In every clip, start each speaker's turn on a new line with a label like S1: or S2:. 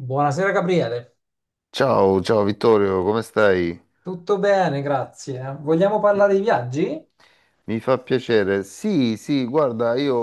S1: Buonasera Gabriele,
S2: Ciao, ciao Vittorio, come stai?
S1: tutto bene, grazie. Vogliamo parlare di viaggi?
S2: Mi fa piacere. Sì, sì, guarda, io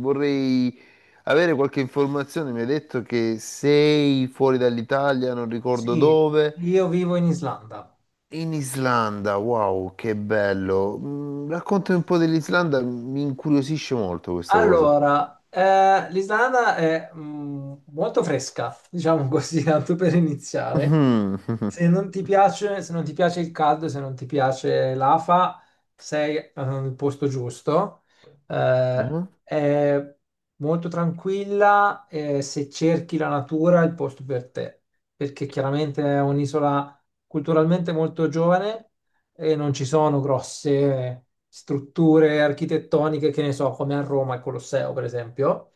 S2: vorrei avere qualche informazione. Mi hai detto che sei fuori dall'Italia, non ricordo
S1: Sì,
S2: dove,
S1: io vivo in Islanda.
S2: in Islanda. Wow, che bello. Raccontami un po' dell'Islanda, mi incuriosisce molto questa cosa.
S1: Allora, l'Islanda è molto fresca, diciamo così, tanto per iniziare.
S2: Mhm,
S1: Se non ti piace il caldo, se non ti piace l'afa, sei nel posto giusto. Eh,
S2: mhm,
S1: è molto tranquilla e se cerchi la natura è il posto per te, perché chiaramente è un'isola culturalmente molto giovane e non ci sono grosse strutture architettoniche, che ne so, come a Roma il Colosseo, per esempio,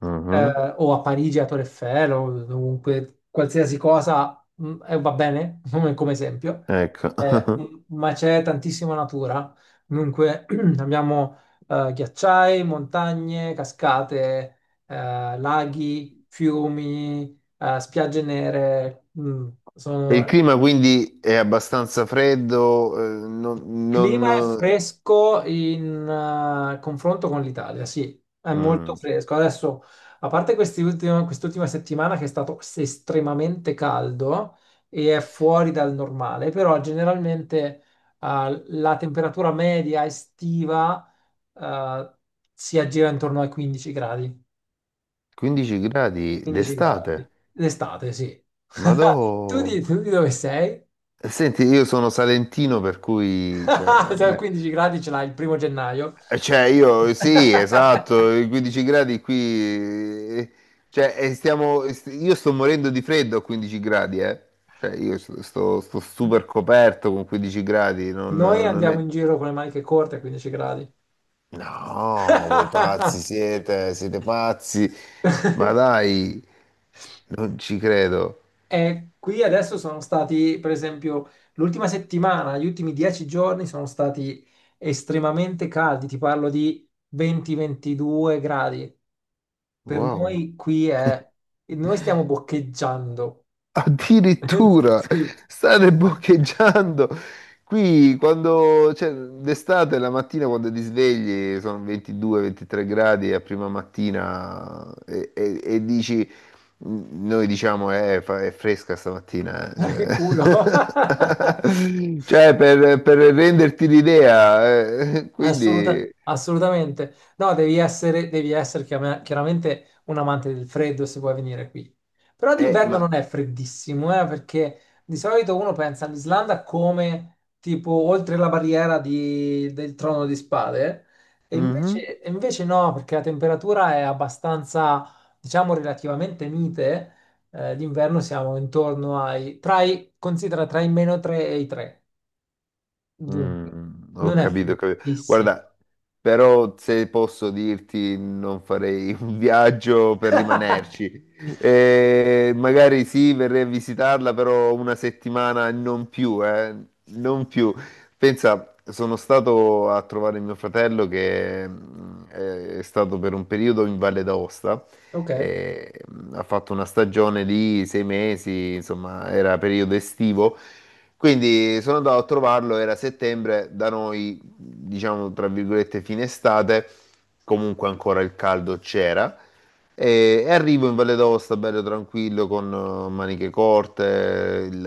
S2: mhm.
S1: o a Parigi a Torre Eiffel, o dovunque, qualsiasi cosa, va bene come esempio.
S2: Ecco.
S1: Eh, ma c'è tantissima natura. Dunque abbiamo ghiacciai, montagne, cascate, laghi, fiumi, spiagge nere,
S2: E
S1: sono
S2: il clima quindi è abbastanza freddo, non,
S1: clima è
S2: non-.
S1: fresco in confronto con l'Italia, sì, è molto
S2: Mm.
S1: fresco. Adesso, a parte quest'ultima settimana che è stato estremamente caldo e è fuori dal normale, però generalmente la temperatura media estiva eh, si aggira intorno ai 15 gradi.
S2: 15 gradi
S1: 15
S2: d'estate,
S1: gradi. L'estate, sì.
S2: ma
S1: Tu
S2: dopo.
S1: di, tu di dove sei?
S2: Senti, io sono salentino, per cui, cioè, a
S1: Cioè,
S2: me-.
S1: 15 gradi ce l'hai il primo gennaio.
S2: Cioè, io sì, esatto, i 15 gradi qui, eh, cioè, io sto morendo di freddo a 15 gradi, eh. Cioè, io sto super coperto con 15 gradi, non,
S1: Noi
S2: non è.
S1: andiamo in giro con le maniche corte a 15 gradi.
S2: No, voi pazzi siete, siete pazzi, ma dai, non ci credo.
S1: E qui adesso sono stati, per esempio, l'ultima settimana, gli ultimi 10 giorni sono stati estremamente caldi, ti parlo di 20-22 gradi. Per
S2: Wow.
S1: noi qui è... Noi stiamo boccheggiando.
S2: Addirittura
S1: Sì.
S2: state boccheggiando. Qui quando, cioè, d'estate la mattina quando ti svegli sono 22-23 gradi a prima mattina e dici, noi diciamo, è fresca stamattina.
S1: Ma che
S2: Cioè.
S1: culo.
S2: Cioè, per renderti l'idea, quindi,
S1: Assolutamente. No, devi essere chiaramente un amante del freddo se vuoi venire qui. Però d'inverno
S2: ma.
S1: non è freddissimo, perché di solito uno pensa all'Islanda come tipo oltre la barriera del trono di spade, e
S2: Mhm.
S1: invece, no, perché la temperatura è abbastanza, diciamo, relativamente mite. D'inverno siamo intorno ai, tra i, considera tra i meno 3 e i 3. Dunque,
S2: Ho
S1: non è
S2: capito, ho capito.
S1: freddissimo.
S2: Guarda, però se posso dirti non farei un viaggio per rimanerci. Magari sì, verrei a visitarla, però una settimana non più, non più. Pensa, sono stato a trovare mio fratello che è stato per un periodo in Valle d'Aosta.
S1: Ok,
S2: eh, ha fatto una stagione lì, 6 mesi, insomma, era periodo estivo. Quindi sono andato a trovarlo, era settembre, da noi, diciamo tra virgolette, fine estate, comunque ancora il caldo c'era. E arrivo in Valle d'Aosta bello tranquillo con maniche corte, il,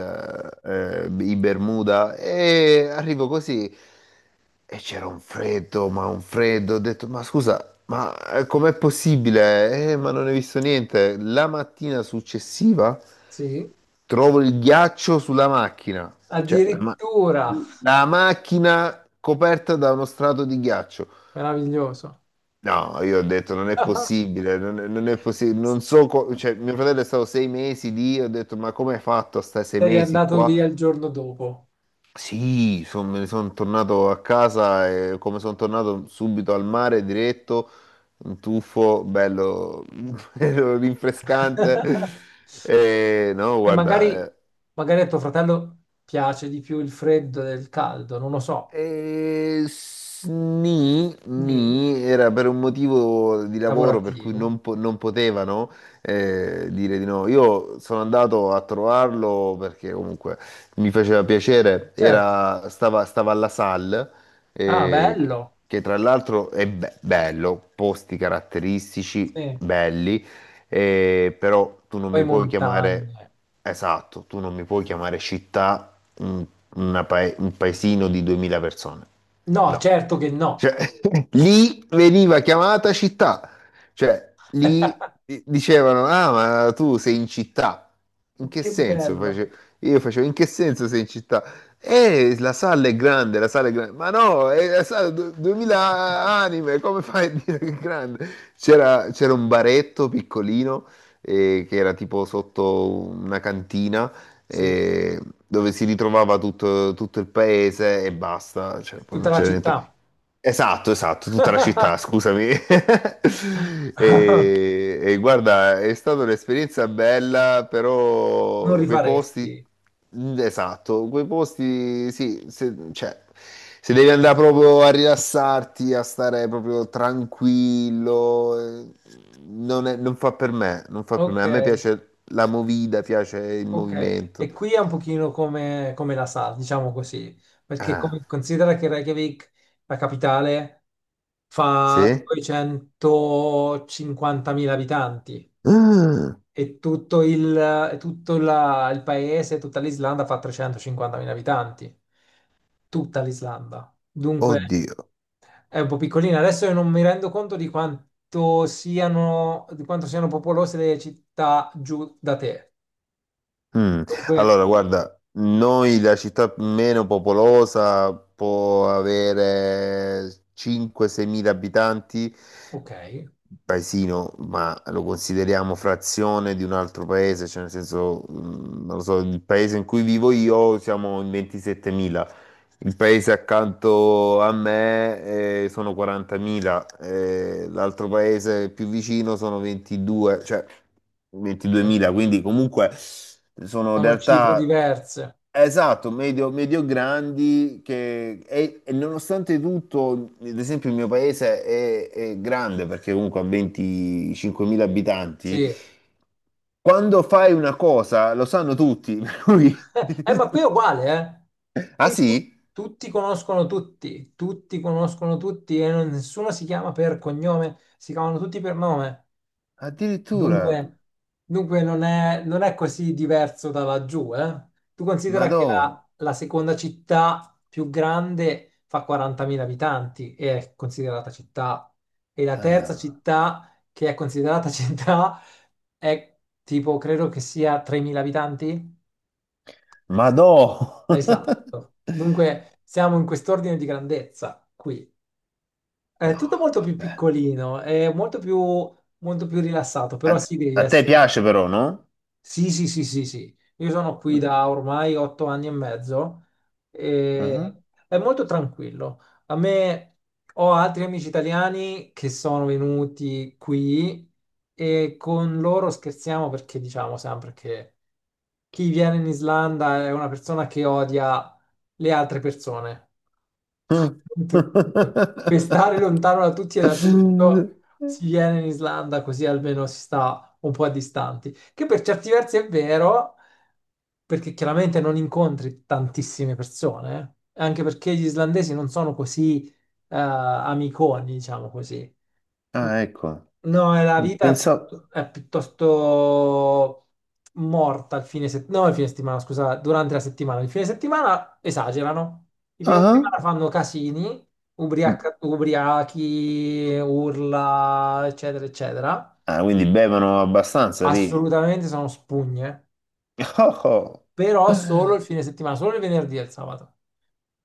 S2: eh, i Bermuda e arrivo così. E c'era un freddo, ma un freddo. Ho detto, ma scusa, ma com'è possibile? Ma non hai visto niente. La mattina successiva
S1: sì.
S2: trovo il ghiaccio sulla macchina. Cioè,
S1: Addirittura,
S2: la macchina coperta da uno strato di ghiaccio.
S1: meraviglioso.
S2: No, io ho detto, non è possibile, non è possibile. Non so, cioè, mio fratello è stato 6 mesi lì, ho detto, ma come hai fatto a stare sei
S1: Sei
S2: mesi
S1: andato
S2: qua?
S1: via il giorno dopo.
S2: Sì, me ne sono tornato a casa e come sono tornato subito al mare diretto, un tuffo bello, bello rinfrescante. E, no,
S1: E
S2: guarda,
S1: magari,
S2: eh,
S1: magari a tuo fratello piace di più il freddo del caldo, non lo so.
S2: Nì,
S1: Nì,
S2: nì, era per un motivo di lavoro per cui
S1: lavorativo.
S2: non potevano dire di no. Io sono andato a trovarlo perché comunque mi faceva piacere,
S1: Certo.
S2: stava alla SAL,
S1: Ah,
S2: eh,
S1: bello.
S2: che tra l'altro è bello, posti caratteristici,
S1: Sì.
S2: belli, però tu non
S1: Poi
S2: mi puoi chiamare,
S1: montagne.
S2: esatto, tu non mi puoi chiamare città un paesino di 2000 persone.
S1: No,
S2: No.
S1: certo che
S2: Cioè,
S1: no.
S2: lì veniva chiamata città. Cioè, lì dicevano, ah, ma tu sei in città. In che
S1: Che
S2: senso?
S1: bello.
S2: Io facevo, in che senso sei in città? La sala è grande, la sala è grande. Ma no, è la sala 2000 anime, come fai a dire che è grande? C'era un baretto piccolino, che era tipo sotto una cantina
S1: Sì,
S2: e- dove si ritrovava tutto, tutto il paese e basta, cioè, poi
S1: tutta
S2: non
S1: la
S2: c'era niente.
S1: città.
S2: Esatto, esatto, tutta la città, scusami. E guarda, è stata un'esperienza bella,
S1: Non
S2: però quei posti,
S1: rifaresti.
S2: esatto, quei posti, sì, se, cioè, se devi andare proprio a rilassarti, a stare proprio tranquillo, non fa per me, non fa per
S1: Ok.
S2: me. A me piace la movida, piace il
S1: Ok,
S2: movimento.
S1: e qui è un pochino come, come la sa, diciamo così, perché
S2: Ah,
S1: considera che Reykjavik, la capitale, fa
S2: sì?
S1: 250.000 abitanti
S2: Ah,
S1: e tutto il, e il paese, tutta l'Islanda fa 350.000 abitanti, tutta l'Islanda. Dunque
S2: oddio.
S1: è un po' piccolina. Adesso io non mi rendo conto di quanto siano popolose le città giù da te.
S2: Mm.
S1: Dunque,
S2: Allora, guarda, noi la città meno popolosa può avere 5-6 mila abitanti,
S1: ok.
S2: paesino, ma lo consideriamo frazione di un altro paese, cioè nel senso, non lo so, il paese in cui vivo io siamo in 27.000. Il paese accanto a me sono 40.000, l'altro paese più vicino sono 22, cioè
S1: Ok.
S2: 22.000, quindi comunque sono
S1: Sono cifre
S2: realtà,
S1: diverse,
S2: esatto, medio, grandi, che e nonostante tutto, ad esempio il mio paese è grande perché comunque ha 25.000
S1: sì.
S2: abitanti, quando fai una cosa lo sanno tutti, per cui-.
S1: Ma qui è uguale, eh?
S2: Ah
S1: Qui tu-
S2: sì?
S1: tutti conoscono tutti e nessuno si chiama per cognome, si chiamano tutti per nome.
S2: Addirittura,
S1: Dunque, dunque, non è così diverso da laggiù, eh? Tu considera che
S2: madò,
S1: la seconda città più grande fa 40.000 abitanti e è considerata città, e la terza
S2: ah,
S1: città che è considerata città è tipo, credo che sia 3.000 abitanti?
S2: madò.
S1: Esatto. Dunque, siamo in quest'ordine di grandezza qui. È
S2: No,
S1: tutto molto più
S2: vabbè.
S1: piccolino, è molto più rilassato,
S2: A,
S1: però sì, devi
S2: a te
S1: essere.
S2: piace però, no?
S1: Sì, sì, sì, sì, sì. Io sono qui da ormai 8 anni e mezzo e
S2: Mhm.
S1: è molto tranquillo. A me ho altri amici italiani che sono venuti qui e con loro scherziamo perché diciamo sempre che chi viene in Islanda è una persona che odia le altre persone
S2: Mm.
S1: tu- per stare lontano da tutti e da tutto, si viene in Islanda così almeno si sta un po' a distanti. Che per certi versi è vero, perché chiaramente non incontri tantissime persone, eh. Anche perché gli islandesi non sono così amiconi, diciamo così.
S2: Ah, ecco.
S1: No, la vita è,
S2: Pensavo.
S1: è piuttosto morta il fine settimana, no, il fine settimana, scusa, durante la settimana. Il fine settimana esagerano. Il fine
S2: Ah,
S1: settimana fanno casini, ubriachi, urla, eccetera, eccetera.
S2: ah, quindi bevono abbastanza lì.
S1: Assolutamente sono spugne
S2: Oh, oh.
S1: però solo il fine settimana, solo il venerdì e il sabato.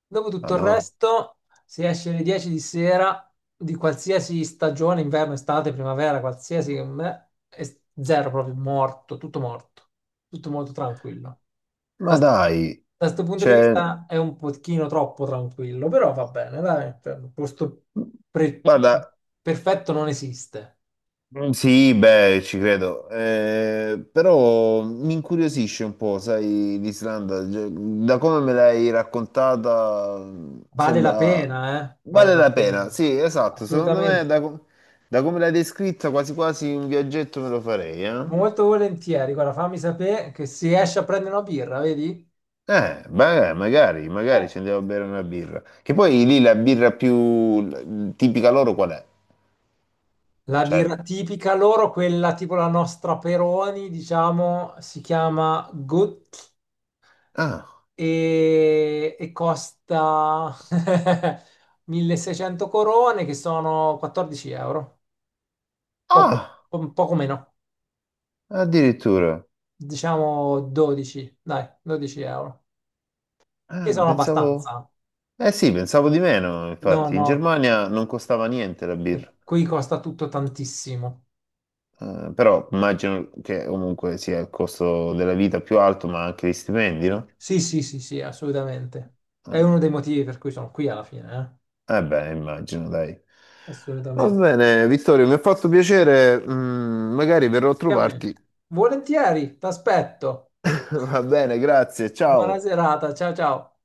S1: Dopo tutto il
S2: Madò.
S1: resto, se esci alle 10 di sera di qualsiasi stagione, inverno, estate, primavera, qualsiasi, che me, è zero proprio, morto, tutto molto tranquillo.
S2: Ma
S1: Da
S2: dai,
S1: questo punto di
S2: cioè,
S1: vista è un pochino troppo tranquillo, però va bene, dai, un posto pre-
S2: guarda,
S1: perfetto non esiste.
S2: Sì, beh, ci credo. Però mi incuriosisce un po', sai, l'Islanda. Cioè, da come me l'hai raccontata,
S1: Vale la
S2: sembra.
S1: pena, eh? Vale
S2: Vale
S1: la
S2: la pena,
S1: pena,
S2: sì, esatto, secondo me
S1: assolutamente.
S2: da, da come l'hai descritta quasi quasi un viaggetto me lo farei, eh?
S1: Molto volentieri, guarda, fammi sapere che si esce a prendere una birra, vedi?
S2: Beh, magari, magari
S1: Eh,
S2: ci andiamo a bere una birra. Che poi lì la birra più tipica loro qual è?
S1: La birra
S2: Cioè.
S1: tipica loro, quella tipo la nostra Peroni, diciamo, si chiama Gut
S2: Ah,
S1: e costa 1600 corone, che sono 14 euro, poco,
S2: ah,
S1: poco meno,
S2: addirittura.
S1: diciamo 12, dai, 12 euro, che
S2: Ah,
S1: sono
S2: pensavo.
S1: abbastanza.
S2: Eh sì, pensavo di meno,
S1: No,
S2: infatti. In
S1: no,
S2: Germania non costava niente la birra.
S1: qui costa tutto tantissimo.
S2: Però immagino che comunque sia il costo della vita più alto, ma anche gli stipendi, no?
S1: Sì, sì, sì, sì, assolutamente. È
S2: Eh,
S1: uno dei motivi per cui sono qui alla fine,
S2: eh beh, immagino, dai.
S1: eh?
S2: Va
S1: Assolutamente.
S2: bene, Vittorio, mi ha fatto piacere, magari verrò a
S1: Chiami.
S2: trovarti.
S1: Volentieri, t'aspetto.
S2: Va bene, grazie,
S1: Buona
S2: ciao.
S1: serata, ciao ciao.